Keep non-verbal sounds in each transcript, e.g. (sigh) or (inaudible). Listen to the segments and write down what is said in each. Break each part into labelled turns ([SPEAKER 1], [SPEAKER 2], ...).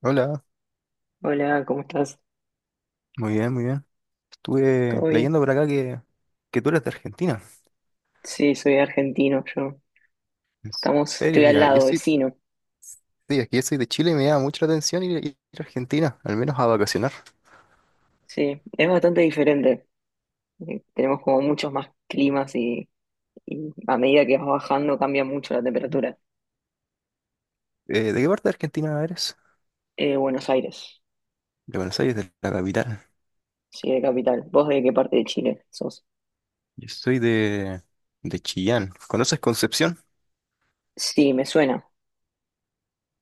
[SPEAKER 1] Hola,
[SPEAKER 2] Hola, ¿cómo estás?
[SPEAKER 1] muy bien, muy bien.
[SPEAKER 2] ¿Todo
[SPEAKER 1] Estuve
[SPEAKER 2] bien?
[SPEAKER 1] leyendo por acá que tú eres de Argentina.
[SPEAKER 2] Sí, soy argentino, yo.
[SPEAKER 1] ¿En
[SPEAKER 2] Estamos,
[SPEAKER 1] serio?
[SPEAKER 2] estoy al
[SPEAKER 1] Mira, yo
[SPEAKER 2] lado,
[SPEAKER 1] soy,
[SPEAKER 2] vecino.
[SPEAKER 1] sí, es que yo soy de Chile y me llama mucho la atención ir a Argentina, al menos a vacacionar.
[SPEAKER 2] Sí, es bastante diferente. Tenemos como muchos más climas y a medida que vas bajando cambia mucho la temperatura.
[SPEAKER 1] ¿De qué parte de Argentina eres?
[SPEAKER 2] Buenos Aires,
[SPEAKER 1] De Buenos Aires, de la capital.
[SPEAKER 2] sí, de capital. ¿Vos de qué parte de Chile sos?
[SPEAKER 1] Yo soy de, de Chillán. ¿Conoces Concepción?
[SPEAKER 2] Sí, me suena.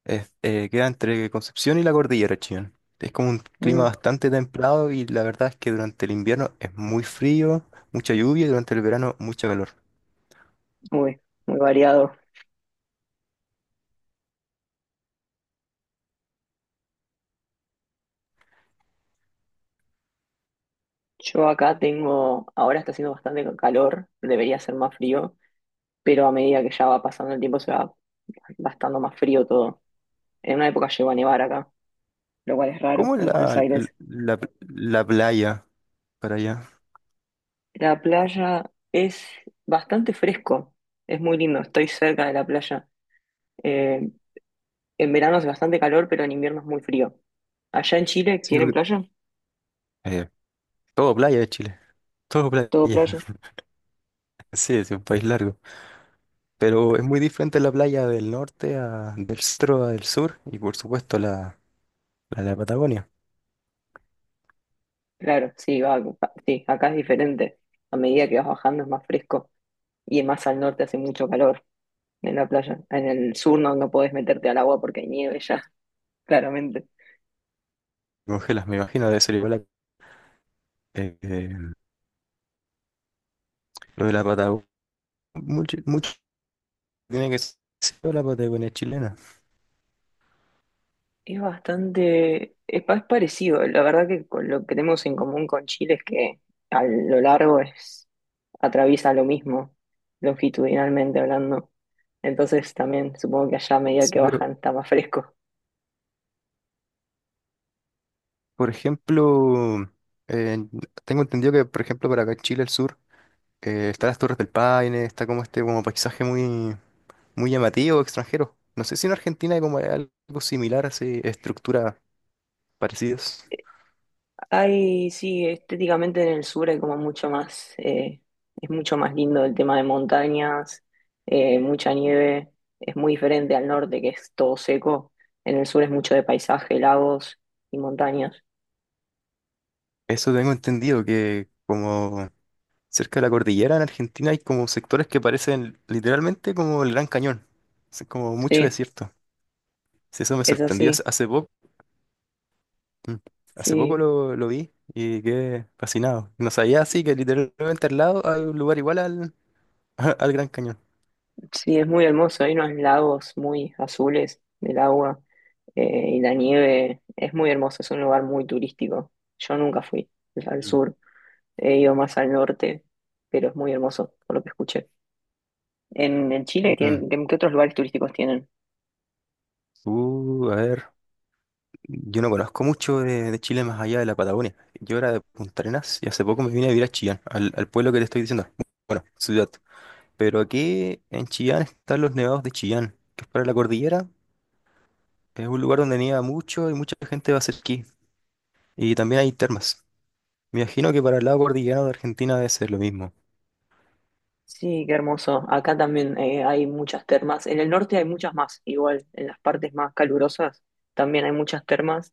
[SPEAKER 1] Queda entre Concepción y la cordillera de Chillán. Es como un clima
[SPEAKER 2] Mm,
[SPEAKER 1] bastante templado y la verdad es que durante el invierno es muy frío, mucha lluvia y durante el verano mucho calor.
[SPEAKER 2] uy, muy variado. Yo acá ahora está haciendo bastante calor, debería ser más frío, pero a medida que ya va pasando el tiempo se va bastante más frío todo. En una época llegó a nevar acá, lo cual es raro
[SPEAKER 1] ¿Cómo es
[SPEAKER 2] en Buenos Aires.
[SPEAKER 1] la playa para allá?
[SPEAKER 2] La playa es bastante fresco, es muy lindo, estoy cerca de la playa. Eh, en verano hace bastante calor, pero en invierno es muy frío. ¿Allá en Chile
[SPEAKER 1] Sí,
[SPEAKER 2] tienen
[SPEAKER 1] porque
[SPEAKER 2] playa?
[SPEAKER 1] eh, todo playa de Chile, todo playa.
[SPEAKER 2] ¿Todo playa?
[SPEAKER 1] (laughs) Sí, es un país largo. Pero es muy diferente la playa del norte a del centro a del sur y por supuesto la de la Patagonia.
[SPEAKER 2] Claro, sí, sí, acá es diferente. A medida que vas bajando es más fresco y más al norte hace mucho calor en la playa. En el sur no, no podés meterte al agua porque hay nieve ya, (laughs) claramente.
[SPEAKER 1] Congelas, me imagino, debe ser igual a- eh, eh, lo de la Patagonia. Mucho, mucho tiene que ser la Patagonia chilena.
[SPEAKER 2] Es bastante, es parecido. La verdad que con lo que tenemos en común con Chile es que a lo largo atraviesa lo mismo, longitudinalmente hablando. Entonces también supongo que allá a medida que
[SPEAKER 1] Sí, pero
[SPEAKER 2] bajan está más fresco.
[SPEAKER 1] por ejemplo, eh, tengo entendido que por ejemplo para acá en Chile, el sur, están las Torres del Paine, está como este como paisaje muy muy llamativo, extranjero. No sé si en Argentina hay como algo similar, así, estructuras parecidas.
[SPEAKER 2] Hay, sí, estéticamente en el sur hay como mucho más, es mucho más lindo el tema de montañas, mucha nieve, es muy diferente al norte que es todo seco. En el sur es mucho de paisaje, lagos y montañas.
[SPEAKER 1] Eso tengo entendido, que como cerca de la cordillera en Argentina hay como sectores que parecen literalmente como el Gran Cañón. Es como mucho
[SPEAKER 2] Sí,
[SPEAKER 1] desierto. Sí, eso me
[SPEAKER 2] es
[SPEAKER 1] sorprendió
[SPEAKER 2] así.
[SPEAKER 1] hace poco. Mm. Hace poco
[SPEAKER 2] Sí,
[SPEAKER 1] lo vi y quedé fascinado. No sabía así que literalmente al lado hay un lugar igual al, (laughs) al Gran Cañón.
[SPEAKER 2] sí, es muy hermoso. Hay unos lagos muy azules del agua y la nieve. Es muy hermoso, es un lugar muy turístico. Yo nunca fui al
[SPEAKER 1] Mm.
[SPEAKER 2] sur, he ido más al norte, pero es muy hermoso, por lo que escuché. En Chile,
[SPEAKER 1] Mm.
[SPEAKER 2] ¿qué otros lugares turísticos tienen?
[SPEAKER 1] A ver. Yo no conozco mucho de Chile más allá de la Patagonia. Yo era de Punta Arenas y hace poco me vine a vivir a Chillán, al pueblo que te estoy diciendo. Bueno, ciudad. Pero aquí en Chillán están los nevados de Chillán, que es para la cordillera. Es un lugar donde nieva mucho y mucha gente va a hacer esquí. Y también hay termas. Me imagino que para el lado cordillerano de Argentina debe ser lo mismo.
[SPEAKER 2] Sí, qué hermoso. Acá también hay muchas termas. En el norte hay muchas más, igual, en las partes más calurosas también hay muchas termas,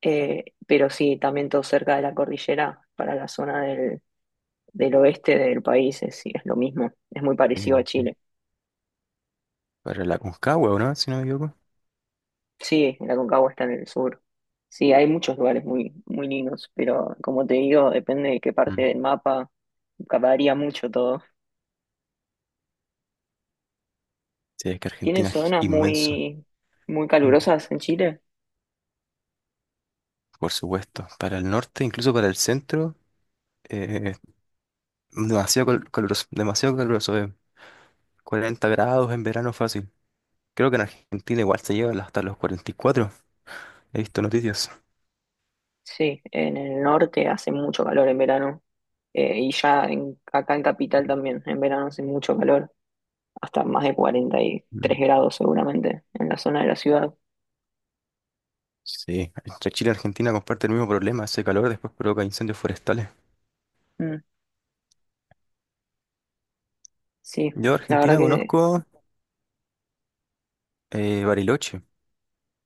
[SPEAKER 2] pero sí, también todo cerca de la cordillera, para la zona del oeste del país, es, sí, es lo mismo, es muy
[SPEAKER 1] Eh,
[SPEAKER 2] parecido a
[SPEAKER 1] eh,
[SPEAKER 2] Chile.
[SPEAKER 1] para la Concagua, ¿o no? Si no me equivoco.
[SPEAKER 2] Sí, la Aconcagua está en el sur. Sí, hay muchos lugares muy, muy lindos, pero como te digo, depende de qué
[SPEAKER 1] Mm.
[SPEAKER 2] parte del mapa, varía mucho todo.
[SPEAKER 1] Sí, es que
[SPEAKER 2] ¿Tienen
[SPEAKER 1] Argentina es
[SPEAKER 2] zonas
[SPEAKER 1] inmenso.
[SPEAKER 2] muy, muy
[SPEAKER 1] Y,
[SPEAKER 2] calurosas en Chile?
[SPEAKER 1] por supuesto, para el norte, incluso para el centro. eh, Demasiado caluroso, demasiado caluroso, 40 grados en verano fácil. Creo que en Argentina igual se lleva hasta los 44. He visto noticias.
[SPEAKER 2] Sí, en el norte hace mucho calor en verano, y ya acá en Capital también, en verano hace mucho calor, hasta más de cuarenta y
[SPEAKER 1] Mm.
[SPEAKER 2] tres grados seguramente en la zona de la ciudad.
[SPEAKER 1] Sí, entre Chile y Argentina comparten el mismo problema. Ese calor después provoca incendios forestales.
[SPEAKER 2] Mm, sí,
[SPEAKER 1] Yo a
[SPEAKER 2] la verdad
[SPEAKER 1] Argentina
[SPEAKER 2] que
[SPEAKER 1] conozco Bariloche.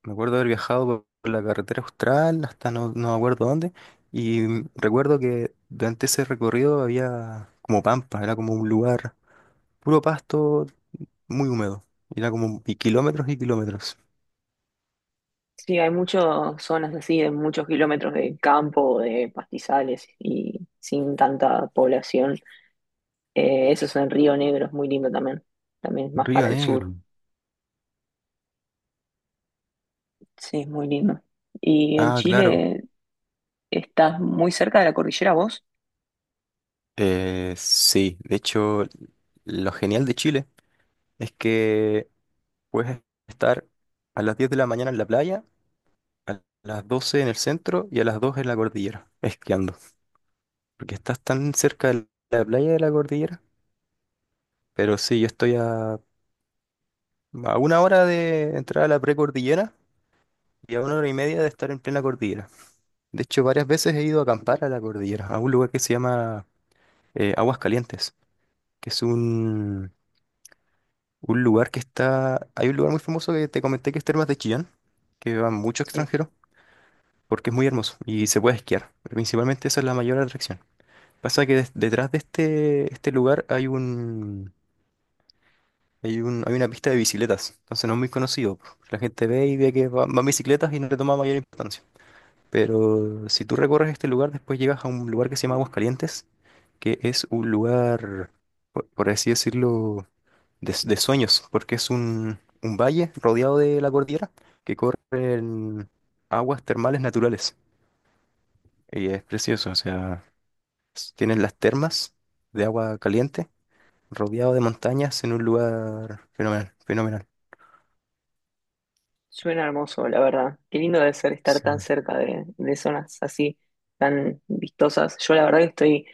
[SPEAKER 1] Me acuerdo haber viajado por la carretera austral hasta no, no me acuerdo dónde. Y mm, recuerdo que durante ese recorrido había como pampa, era como un lugar puro pasto, muy húmedo. Era como y kilómetros y kilómetros.
[SPEAKER 2] sí, hay muchas zonas así, de muchos kilómetros de campo, de pastizales y sin tanta población. Eso es en Río Negro, es muy lindo también. También es más
[SPEAKER 1] Río
[SPEAKER 2] para el sur.
[SPEAKER 1] Negro.
[SPEAKER 2] Sí, es muy lindo. ¿Y en
[SPEAKER 1] Ah, claro.
[SPEAKER 2] Chile estás muy cerca de la cordillera vos?
[SPEAKER 1] Sí, de hecho, lo genial de Chile es que puedes estar a las 10 de la mañana en la playa, a las 12 en el centro y a las 2 en la cordillera, esquiando. Porque estás tan cerca de la playa y de la cordillera. Pero sí, a una hora de entrar a la precordillera y a una hora y media de estar en plena cordillera. De hecho, varias veces he ido a acampar a la cordillera, a un lugar que se llama Aguas Calientes, que es un un lugar que está. Hay un lugar muy famoso que te comenté que es Termas de Chillán, que van muchos
[SPEAKER 2] Sí.
[SPEAKER 1] extranjeros, porque es muy hermoso y se puede esquiar. Principalmente esa es la mayor atracción. Pasa que detrás de este lugar hay una pista de bicicletas, entonces no es muy conocido. La gente ve y ve que van bicicletas y no le toma mayor importancia. Pero si tú recorres este lugar, después llegas a un lugar que se llama Aguascalientes, que es un lugar, por así decirlo, de sueños, porque es un valle rodeado de la cordillera que corren aguas termales naturales. Y es precioso, o sea, tienen las termas de agua caliente, rodeado de montañas en un lugar fenomenal, fenomenal.
[SPEAKER 2] Suena hermoso, la verdad. Qué lindo debe ser estar tan
[SPEAKER 1] Sí.
[SPEAKER 2] cerca de zonas así, tan vistosas. Yo la verdad que estoy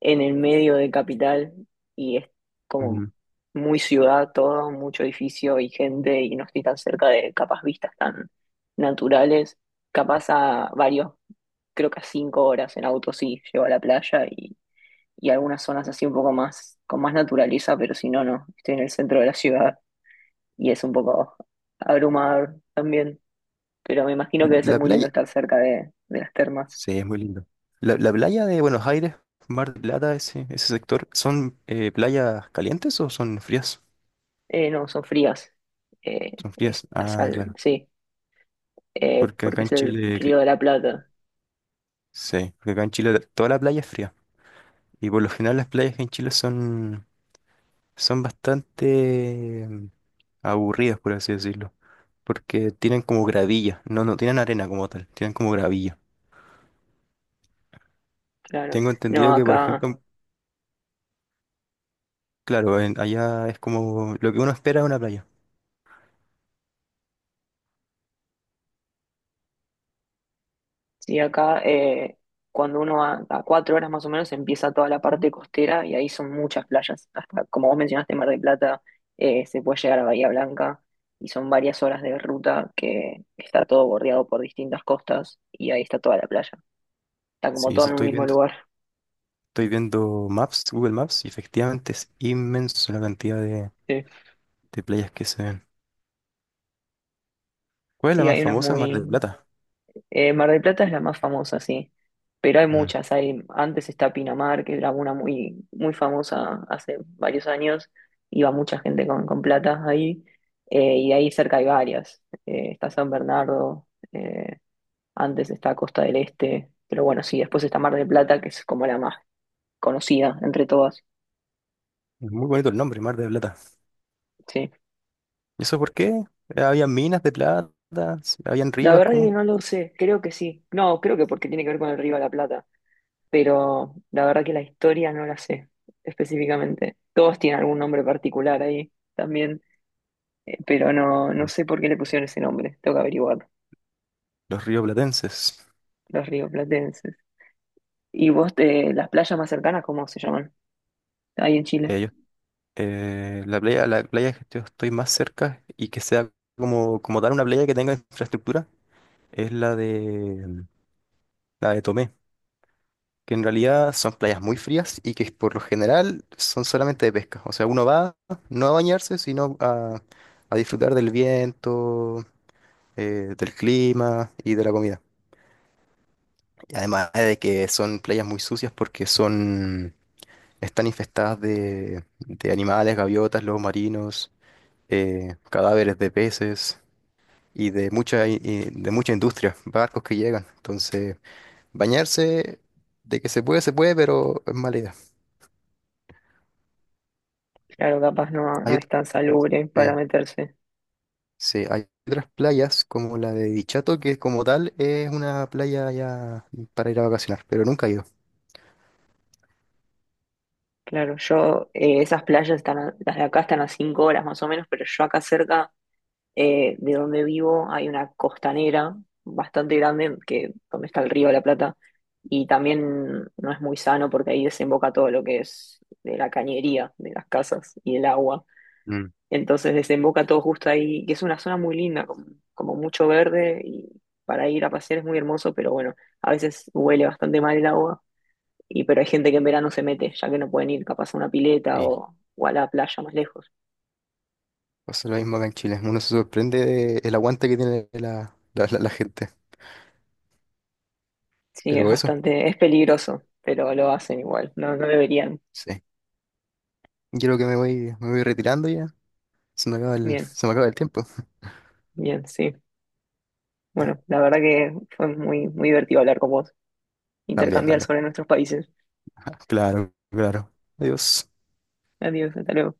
[SPEAKER 2] en el medio de capital y es como
[SPEAKER 1] Mm.
[SPEAKER 2] muy ciudad todo, mucho edificio y gente y no estoy tan cerca de capaz vistas tan naturales. Capaz creo que a 5 horas en auto sí, llego a la playa y algunas zonas así un poco más, con más naturaleza, pero si no, no. Estoy en el centro de la ciudad y es un poco abrumador también, pero me imagino que debe ser
[SPEAKER 1] La
[SPEAKER 2] muy lindo
[SPEAKER 1] playa,
[SPEAKER 2] estar cerca de las termas.
[SPEAKER 1] sí, es muy lindo. La playa de Buenos Aires, Mar del Plata, ese sector, ¿son playas calientes o son frías?
[SPEAKER 2] No, son frías. Eh,
[SPEAKER 1] Son frías. Ah, claro.
[SPEAKER 2] sí,
[SPEAKER 1] Porque acá
[SPEAKER 2] porque
[SPEAKER 1] en
[SPEAKER 2] es el
[SPEAKER 1] Chile,
[SPEAKER 2] Río
[SPEAKER 1] cl-
[SPEAKER 2] de la Plata,
[SPEAKER 1] sí, porque acá en Chile toda la playa es fría. Y por lo general las playas en Chile son bastante aburridas, por así decirlo, porque tienen como gravilla, no tienen arena como tal, tienen como gravilla.
[SPEAKER 2] claro.
[SPEAKER 1] Tengo entendido
[SPEAKER 2] No,
[SPEAKER 1] que, por
[SPEAKER 2] acá,
[SPEAKER 1] ejemplo, claro, allá es como lo que uno espera de una playa.
[SPEAKER 2] sí, acá, cuando uno va a 4 horas más o menos empieza toda la parte costera y ahí son muchas playas. Hasta, como vos mencionaste, Mar del Plata, se puede llegar a Bahía Blanca y son varias horas de ruta que está todo bordeado por distintas costas y ahí está toda la playa. Está como
[SPEAKER 1] Sí,
[SPEAKER 2] todo
[SPEAKER 1] eso
[SPEAKER 2] en un
[SPEAKER 1] estoy
[SPEAKER 2] mismo
[SPEAKER 1] viendo.
[SPEAKER 2] lugar.
[SPEAKER 1] Estoy viendo Maps, Google Maps, y efectivamente es inmenso la cantidad
[SPEAKER 2] Sí,
[SPEAKER 1] de playas que se ven. ¿Cuál es la
[SPEAKER 2] sí,
[SPEAKER 1] más famosa? Mar del Plata.
[SPEAKER 2] Mar del Plata es la más famosa, sí, pero hay
[SPEAKER 1] Mm.
[SPEAKER 2] muchas. Antes está Pinamar, que era una muy, muy famosa hace varios años. Iba mucha gente con plata ahí, y ahí cerca hay varias. Está San Bernardo, antes está Costa del Este, pero bueno, sí, después está Mar del Plata, que es como la más conocida entre todas,
[SPEAKER 1] Es muy bonito el nombre, Mar del Plata.
[SPEAKER 2] sí.
[SPEAKER 1] ¿Y eso por qué? Había minas de plata, habían
[SPEAKER 2] La
[SPEAKER 1] ríos,
[SPEAKER 2] verdad es que
[SPEAKER 1] cómo.
[SPEAKER 2] no lo sé, creo que sí. No, creo que porque tiene que ver con el Río de la Plata, pero la verdad que la historia no la sé específicamente. Todos tienen algún nombre particular ahí también, pero no, no sé por qué le pusieron ese nombre, tengo que averiguar,
[SPEAKER 1] Los rioplatenses.
[SPEAKER 2] los rioplatenses. ¿Y vos, las playas más cercanas, cómo se llaman? Ahí en Chile.
[SPEAKER 1] eh, yo- la playa que yo estoy más cerca y que sea como, como tal una playa que tenga infraestructura es la de Tomé, que en realidad son playas muy frías y que por lo general son solamente de pesca. O sea, uno va no a bañarse, sino a disfrutar del viento, del clima y de la comida. Y además de que son playas muy sucias porque son están infestadas de animales, gaviotas, lobos marinos, cadáveres de peces y de de mucha industria, barcos que llegan. Entonces, bañarse de que se puede, pero es mala idea.
[SPEAKER 2] Claro, capaz no,
[SPEAKER 1] Hay
[SPEAKER 2] no es
[SPEAKER 1] ot-
[SPEAKER 2] tan salubre para
[SPEAKER 1] sí,
[SPEAKER 2] meterse.
[SPEAKER 1] sí, hay otras playas como la de Dichato, que como tal es una playa ya para ir a vacacionar, pero nunca he ido.
[SPEAKER 2] Claro, esas playas están, las de acá están a 5 horas más o menos, pero yo acá cerca. De donde vivo hay una costanera bastante grande, que donde está el río de la Plata, y también no es muy sano porque ahí desemboca todo lo que es de la cañería, de las casas y el agua.
[SPEAKER 1] Mm,
[SPEAKER 2] Entonces desemboca todo justo ahí, que es una zona muy linda, como mucho verde, y para ir a pasear es muy hermoso, pero bueno, a veces huele bastante mal el agua, y pero hay gente que en verano se mete, ya que no pueden ir capaz a una pileta
[SPEAKER 1] sí.
[SPEAKER 2] o a la playa más lejos.
[SPEAKER 1] Pasa lo mismo acá en Chile. Uno se sorprende de el aguante que tiene la gente.
[SPEAKER 2] Sí,
[SPEAKER 1] Pero eso,
[SPEAKER 2] es peligroso, pero lo hacen igual. No, no deberían.
[SPEAKER 1] sí. Yo creo que me voy retirando ya. Se me acaba
[SPEAKER 2] Bien,
[SPEAKER 1] se me acaba el tiempo.
[SPEAKER 2] bien, sí.
[SPEAKER 1] Ya,
[SPEAKER 2] Bueno, la verdad que fue muy, muy divertido hablar con vos,
[SPEAKER 1] también,
[SPEAKER 2] intercambiar
[SPEAKER 1] también.
[SPEAKER 2] sobre nuestros países.
[SPEAKER 1] (laughs) Claro, claro. Adiós.
[SPEAKER 2] Adiós, hasta luego.